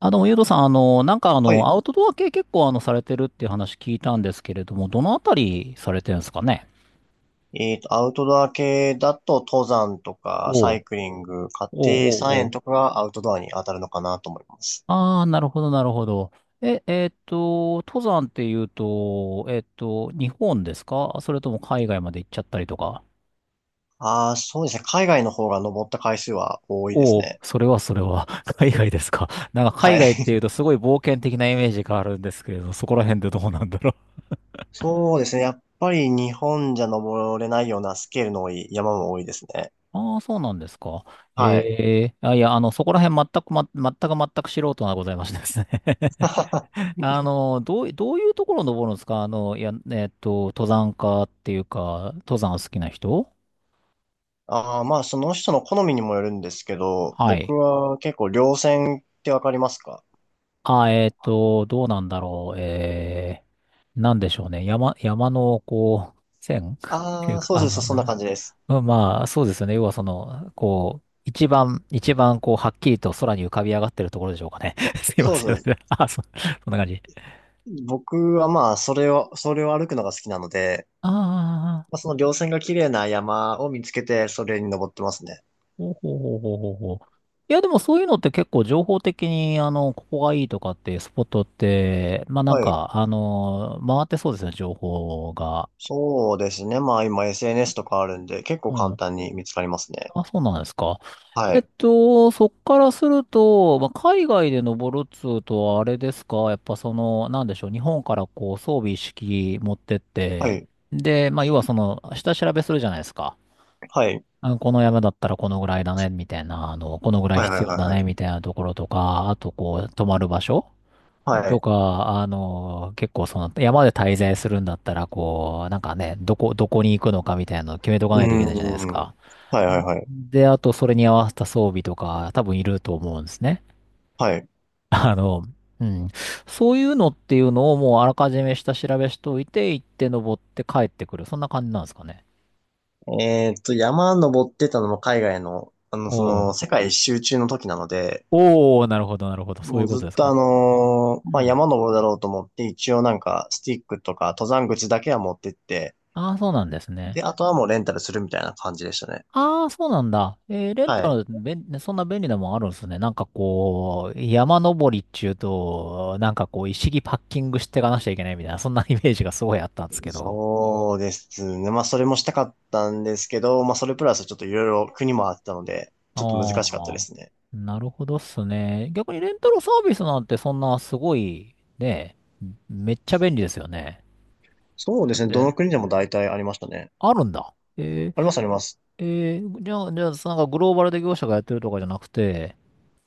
あ、どうも、ゆうとさん、はい。アウトドア系結構、されてるっていう話聞いたんですけれども、どのあたりされてるんですかね。アウトドア系だと登山とかおサう、イクリング、お家庭う、菜おう、お園う。とかがアウトドアに当たるのかなと思います。ああー、なるほど、なるほど。え、えーっと、登山っていうと、日本ですか、それとも海外まで行っちゃったりとか。ああ、そうですね。海外の方が登った回数は多いですおお、ね。それはそれは、海外ですか。なんか海はい。外っていう とすごい冒険的なイメージがあるんですけれど、そこら辺でどうなんだろう。そうですね。やっぱり日本じゃ登れないようなスケールの多い山も多いですね。ああ、そうなんですか。はい。ええあ、いや、そこら辺全く、ま、全く全く素人がございましてですね。 どういうところ登るんですか。登山家っていうか、登山好きな人。ああ、まあその人の好みにもよるんですけど、は僕い。は結構稜線ってわかりますか？どうなんだろう。なんでしょうね。山の、こう、線 っていああうー、か、そうです。そんな感じです。うんまあ、そうですよね。要はその、こう、一番、一番、こう、はっきりと空に浮かび上がってるところでしょうかね。すいまそせん。う です。あ、そ、そんな感じ。僕はまあ、それを歩くのが好きなので、ああ、まあ、その稜線が綺麗な山を見つけて、それに登ってますね。ほうほうほうほうほうほう。いや、でもそういうのって結構情報的に、ここがいいとかっていうスポットって、まあなんはい。か、回ってそうですよね、情報が。そうですね。まあ、今 SNS とかあるんで、結構う簡ん。単に見つかりますね。あ、そうなんですか。はい。そっからすると、まあ、海外で登るっつうとはあれですか。やっぱその、なんでしょう、日本からこう装備一式持ってっはて、い。で、まあ、要はその、下調べするじゃないですか。はい。この山だったらこのぐらいだね、みたいな、このぐらいはいはい必はい要だはね、みたいなところとか、あとこう、泊まる場所い。はとい。か、結構その、山で滞在するんだったら、こう、なんかね、どこに行くのかみたいなのを決めとかうないといけないじゃないですーか。ん。はいはいはい。で、あとそれに合わせた装備とか多分いると思うんですね。はい。あの、うん。そういうのっていうのをもうあらかじめ下調べしといて、行って登って帰ってくる。そんな感じなんですかね。えーっと、山登ってたのも海外の、おその、お世界一周中の時なので、おおなるほど、なるほど。そういもううことずっですとか。うまあ、ん。山登るだろうと思って、一応なんか、スティックとか、登山口だけは持ってって、ああ、そうなんですね。で、あとはもうレンタルするみたいな感じでしたね。ああ、そうなんだ。えーレンはタい。ル、べん、そんな便利なもんあるんですね。なんかこう、山登りっちゅうと、なんかこう、一式パッキングしていかなきちゃいけないみたいな、そんなイメージがすごいあったんですけど。そうですね。まあ、それもしたかったんですけど、まあ、それプラスちょっといろいろ国もあったので、あちょっと難しかったであ、すね。なるほどっすね。逆にレンタルサービスなんてそんなすごい、ね、めっちゃ便利ですよね。そうでだっすね。どのて、国でも大体ありましたね。あるんだ。えー、あります、あります。えー、じゃあ、じゃあ、なんかグローバルで業者がやってるとかじゃなくて、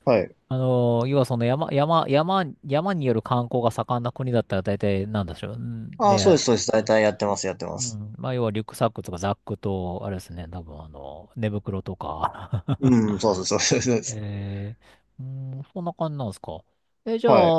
はい。要はその山による観光が盛んな国だったら大体なんでしょう。んああ、そうでで、す、そうです。大体やってます、やってまうす。ん、まあ、要はリュックサックとかザックと、あれですね、多分寝袋とか。うん、そうです、そうです、そうです。えうーん、そんな感じなんですか。え、じゃあ、はい。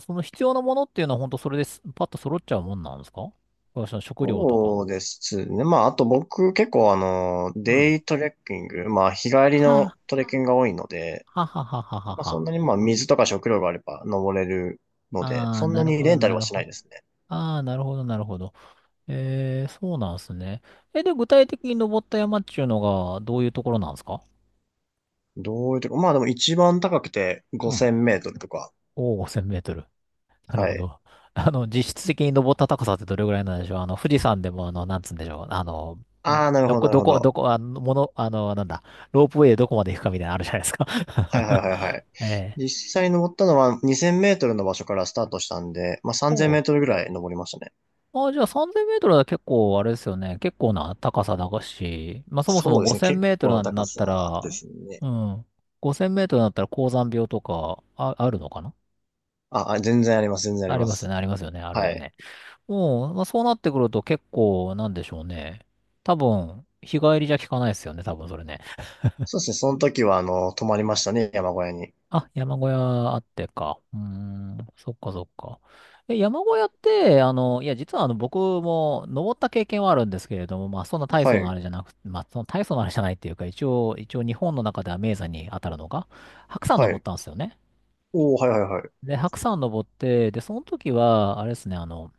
その必要なものっていうのは本当それです、パッと揃っちゃうもんなんですか。その食料とか。そうですね。まあ、あと僕結構うん。デイトレッキング、まあ、日帰りのはトレッキングが多いので、あ、はははははまあ、そんは。なにまあ水とか食料があれば登れるので、ああ、そんななるにほレど、ンタなルはるしほないど。ですね。ああ、なるほど、なるほど。えー、そうなんですね。え、で、具体的に登った山っていうのが、どういうところなんですか。どういうとこ、まあでも一番高くてうん。5000メートルとか。おお、0 0 0メートル。なるはほい。ど。実質的に登った高さってどれぐらいなんでしょう。富士山でも、なんつうんでしょう。ああ、なるほど、なるほどど。こ、あの、もの、あの、なんだ、ロープウェイでどこまで行くかみたいなのあるじゃないですか。はいはいはいはい。ええ。実際登ったのは2000メートルの場所からスタートしたんで、まあ3000メおーう。トルぐらい登りましたね。あ、じゃあ3000メートルは結構、あれですよね。結構な高さだし、まあそもそもそうですね。5000メ結ート構なルに高なったさら、ですね。うん。5000メートルになったら高山病とか、あ、あるのかな。あ、あ、全然あります、全然ありありまますよす。ね、ありますよね、あるよはい。ね。うん、まあ、そうなってくると結構、なんでしょうね。多分、日帰りじゃ効かないですよね、多分それね。そうですね。その時は、泊まりましたね、山小屋に。あ、山小屋あってか。うーん、そっかそっか。え、山小屋って、あの、いや、実はあの、僕も登った経験はあるんですけれども、まあ、そんな大は層なあい、れじゃなく、まあ、その大層なあれじゃないっていうか、一応、一応日本の中では名山に当たるのが、白山は登っい。たんですよね。おー、はいはいはい。で、白山登って、で、その時は、あれですね、あの、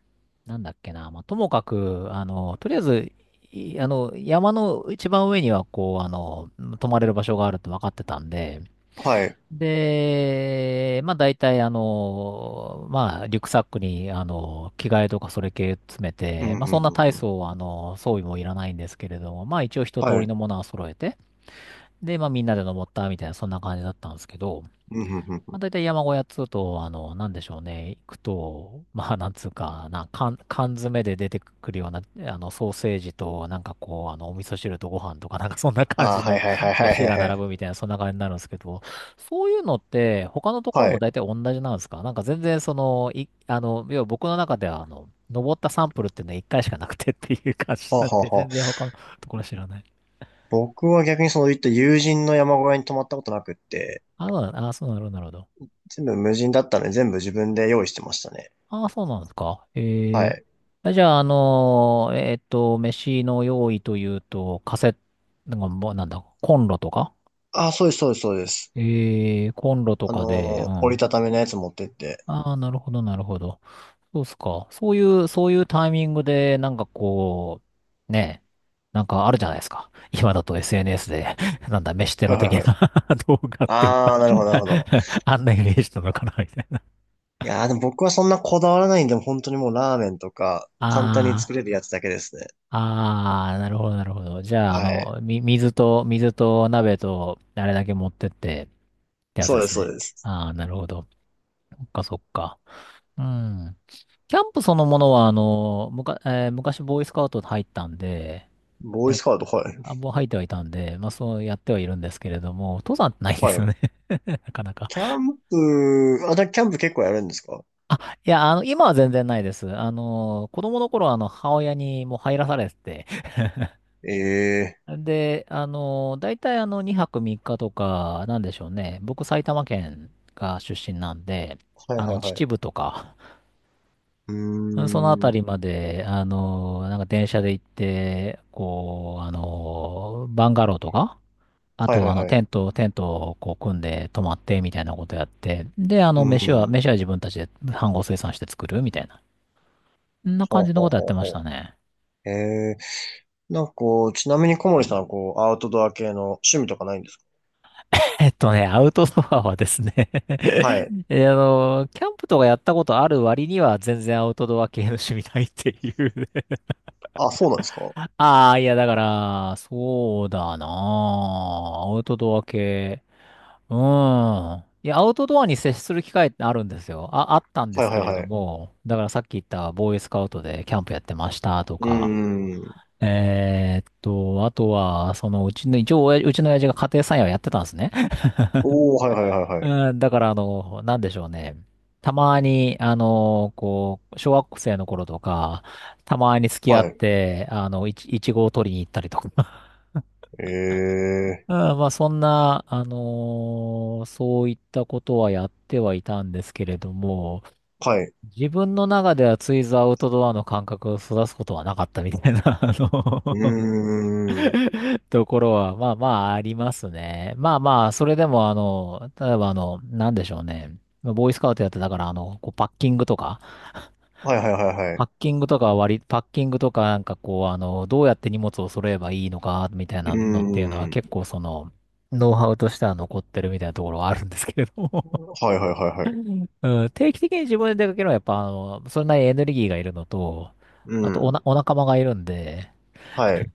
なんだっけな、まあ、ともかく、とりあえず、いあの、山の一番上には、こう、泊まれる場所があるって分かってたんで、はい。で、まあ、大体、まあ、リュックサックに、着替えとかそれ系詰めうて、ん、まあ、うそんん、うなん、う大ん。層、装備もいらないんですけれども、まあ、一応一通はりい。のものは揃えて、で、まあ、みんなで登ったみたいな、そんな感じだったんですけど、うんうんうんうまあ、ん。大体山小屋っつうと、なんでしょうね、行くと、まあ、なんつうかな、缶詰で出てくるような、ソーセージと、なんかこう、お味噌汁とご飯とか、なんか そんな感ああ、じはの いはいはい はいは飯いがは並い。ぶみたいな、そんな感じになるんですけど、そういうのって、他のとこはろい。もは大体同じなんですか。なんか全然、その、い、あの、要は僕の中では、登ったサンプルっていうのは1回しかなくてっていう感あ、じはなんあで、は全あ。然他のところ知らない。僕は逆にそういった友人の山小屋に泊まったことなくって、あ、そうなあ、そうなるほどなるほど。全部無人だったので全部自分で用意してましたね。ああ、そうなんですか。はええい。あじゃあ、飯の用意というと、カセットなんかもうなんだ、コンロとか。ああ、そうですそうですそうです。ええコンロとかで、う折ん。りたたみのやつ持ってって。ああ、なるほど、なるほど。そうっすか。そういうタイミングで、なんかこう、ねえ、なんかあるじゃないですか。今だと SNS で、なんだ、飯テはロいは的いはい。な 動画っていっぱあい あ、なるほどなるほど。あんなイメージなのかな、みたいな。いやーでも僕はそんなこだわらないんで、本当にもうラーメンとか簡単にああ。作れるやつだけですね。ああ、なるほど、なるほど。じゃあ、はい。水と、水と鍋と、あれだけ持ってって、ってやつそうでですすそうね。です。ああ、なるほど。そっか、そっか。うん。キャンプそのものは、あの、むか、えー昔ボーイスカウト入ったんで、ボーイや、スカウト、はい。あ、もう入ってはいたんで、まあそうやってはいるんですけれども、登山ってないではすよい。ね。 なかなか。キャンプ、キャンプ結構やるんですか？いや、今は全然ないです。子供の頃はあの、母親にもう入らされてて、ええ、で、大体2泊3日とか、なんでしょうね。僕、埼玉県が出身なんで、はいはいはい。秩父とか、うーうんそのあたん。りまで、なんか電車で行って、こう、バンガローとか、あはいはと、いはい。テントをこう、組んで泊まって、みたいなことやって、で、う飯ん。は自分たちで飯盒生産して作る、みたいな。そんなほ感うじのほこうとやっほてうましたほね。う。えー、なんかこう、ちなみに小森さんはこう、アウトドア系の趣味とかないんですアウトドアはですね、 か？はい。キャンプとかやったことある割には全然アウトドア系の趣味ないっていうね。 あ、そうなんですか？は ああ、いや、だから、そうだなあ。アウトドア系。うん。いや、アウトドアに接する機会ってあるんですよ。あ、あったんいですはいけれはどい。も、だからさっき言ったボーイスカウトでキャンプやってましたとうーか、ん。あとは、そのうちの、一応、うちの親父が家庭菜園をやってたんですね。おー、はいはいはいはい。うん、だからなんでしょうね。たまに、こう、小学生の頃とか、たまに付き合っはい。て、いちごを取りに行ったりとか。えうん、まあそんな、そういったことはやってはいたんですけれども、ー、はい。自分の中ではついぞアウトドアの感覚を育つことはなかったみたいな、うーん。ところは、まあまあありますね。まあまあ、それでも、例えばなんでしょうね。ボーイスカウトやってたから、こうパッキングとか、はいはいはいはパい。ッキングとかは割り、パッキングとかなんかこう、どうやって荷物を揃えばいいのか、みたいうーなのっていうのはん。結構その、ノウハウとしては残ってるみたいなところはあるんですけれども。 はいはいはいはい。うん、定期的に自分で出かけるのはやっぱそれなりにエネルギーがいるのと、うん。お仲間がいるんで、はい。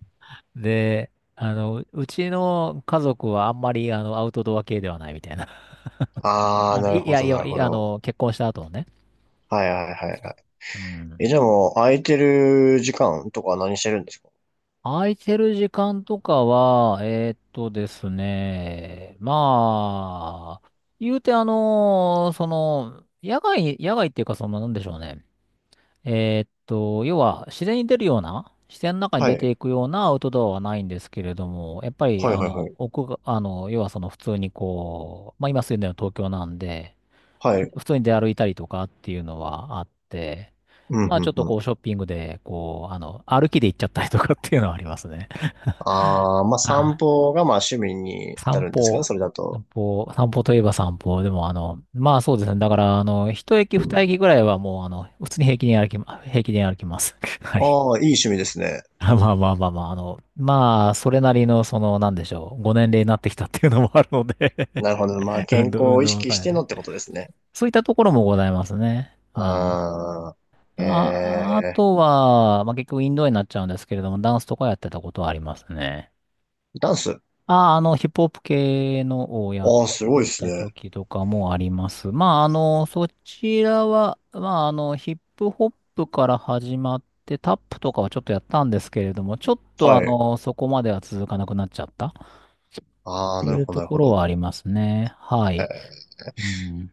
で、うちの家族はあんまりアウトドア系ではないみたいな。あー、なるいほやどいなや、るほど。結婚した後のね。はいはいはいはい。うん。え、じゃあもう、空いてる時間とかは何してるんですか？空いてる時間とかは、ですね、まあ、言うてその、野外っていうか、その、なんでしょうね。要は自然に出るような、自然の中には出てい。いくようなアウトドアはないんですけれども、やっぱり、はいはいはい。奥が、あの、要はその普通にこう、まあ今住んでるの東京なんで、はい。普通に出歩いたりとかっていうのはあって、うん、まあうちょん、っとうん。こうショッピングで、こう、歩きで行っちゃったりとかっていうのはありますね。ああ、まあ散あ、歩がまあ趣味に当た散るんですかね、歩。それだと。散歩、散歩といえば散歩。でも、まあそうですね。だから、一駅二駅ぐらいはもう、普通に平気で歩きます。はい。ああ、いい趣味ですね。あまあまあまあまあ、まあ、それなりの、その、なんでしょう、ご年齢になってきたっていうのもあるので。 なるほど。まあ 健康運を意動識し会てので。ってことですね。そういったところもございますね。うん。まああ、あ、あえとえ、は、まあ結局インドアになっちゃうんですけれども、ダンスとかやってたことはありますね。ダンス。あ、ヒップホップ系のをやっああ、すごいてですたね。時とかもあります。まあ、そちらは、まあ、ヒップホップから始まって、タップとかはちょっとやったんですけれども、ちょっとはい。そこまでは続かなくなっちゃったあとあ、なるいうほど、となるこほろはど。ありますね。はい。うん。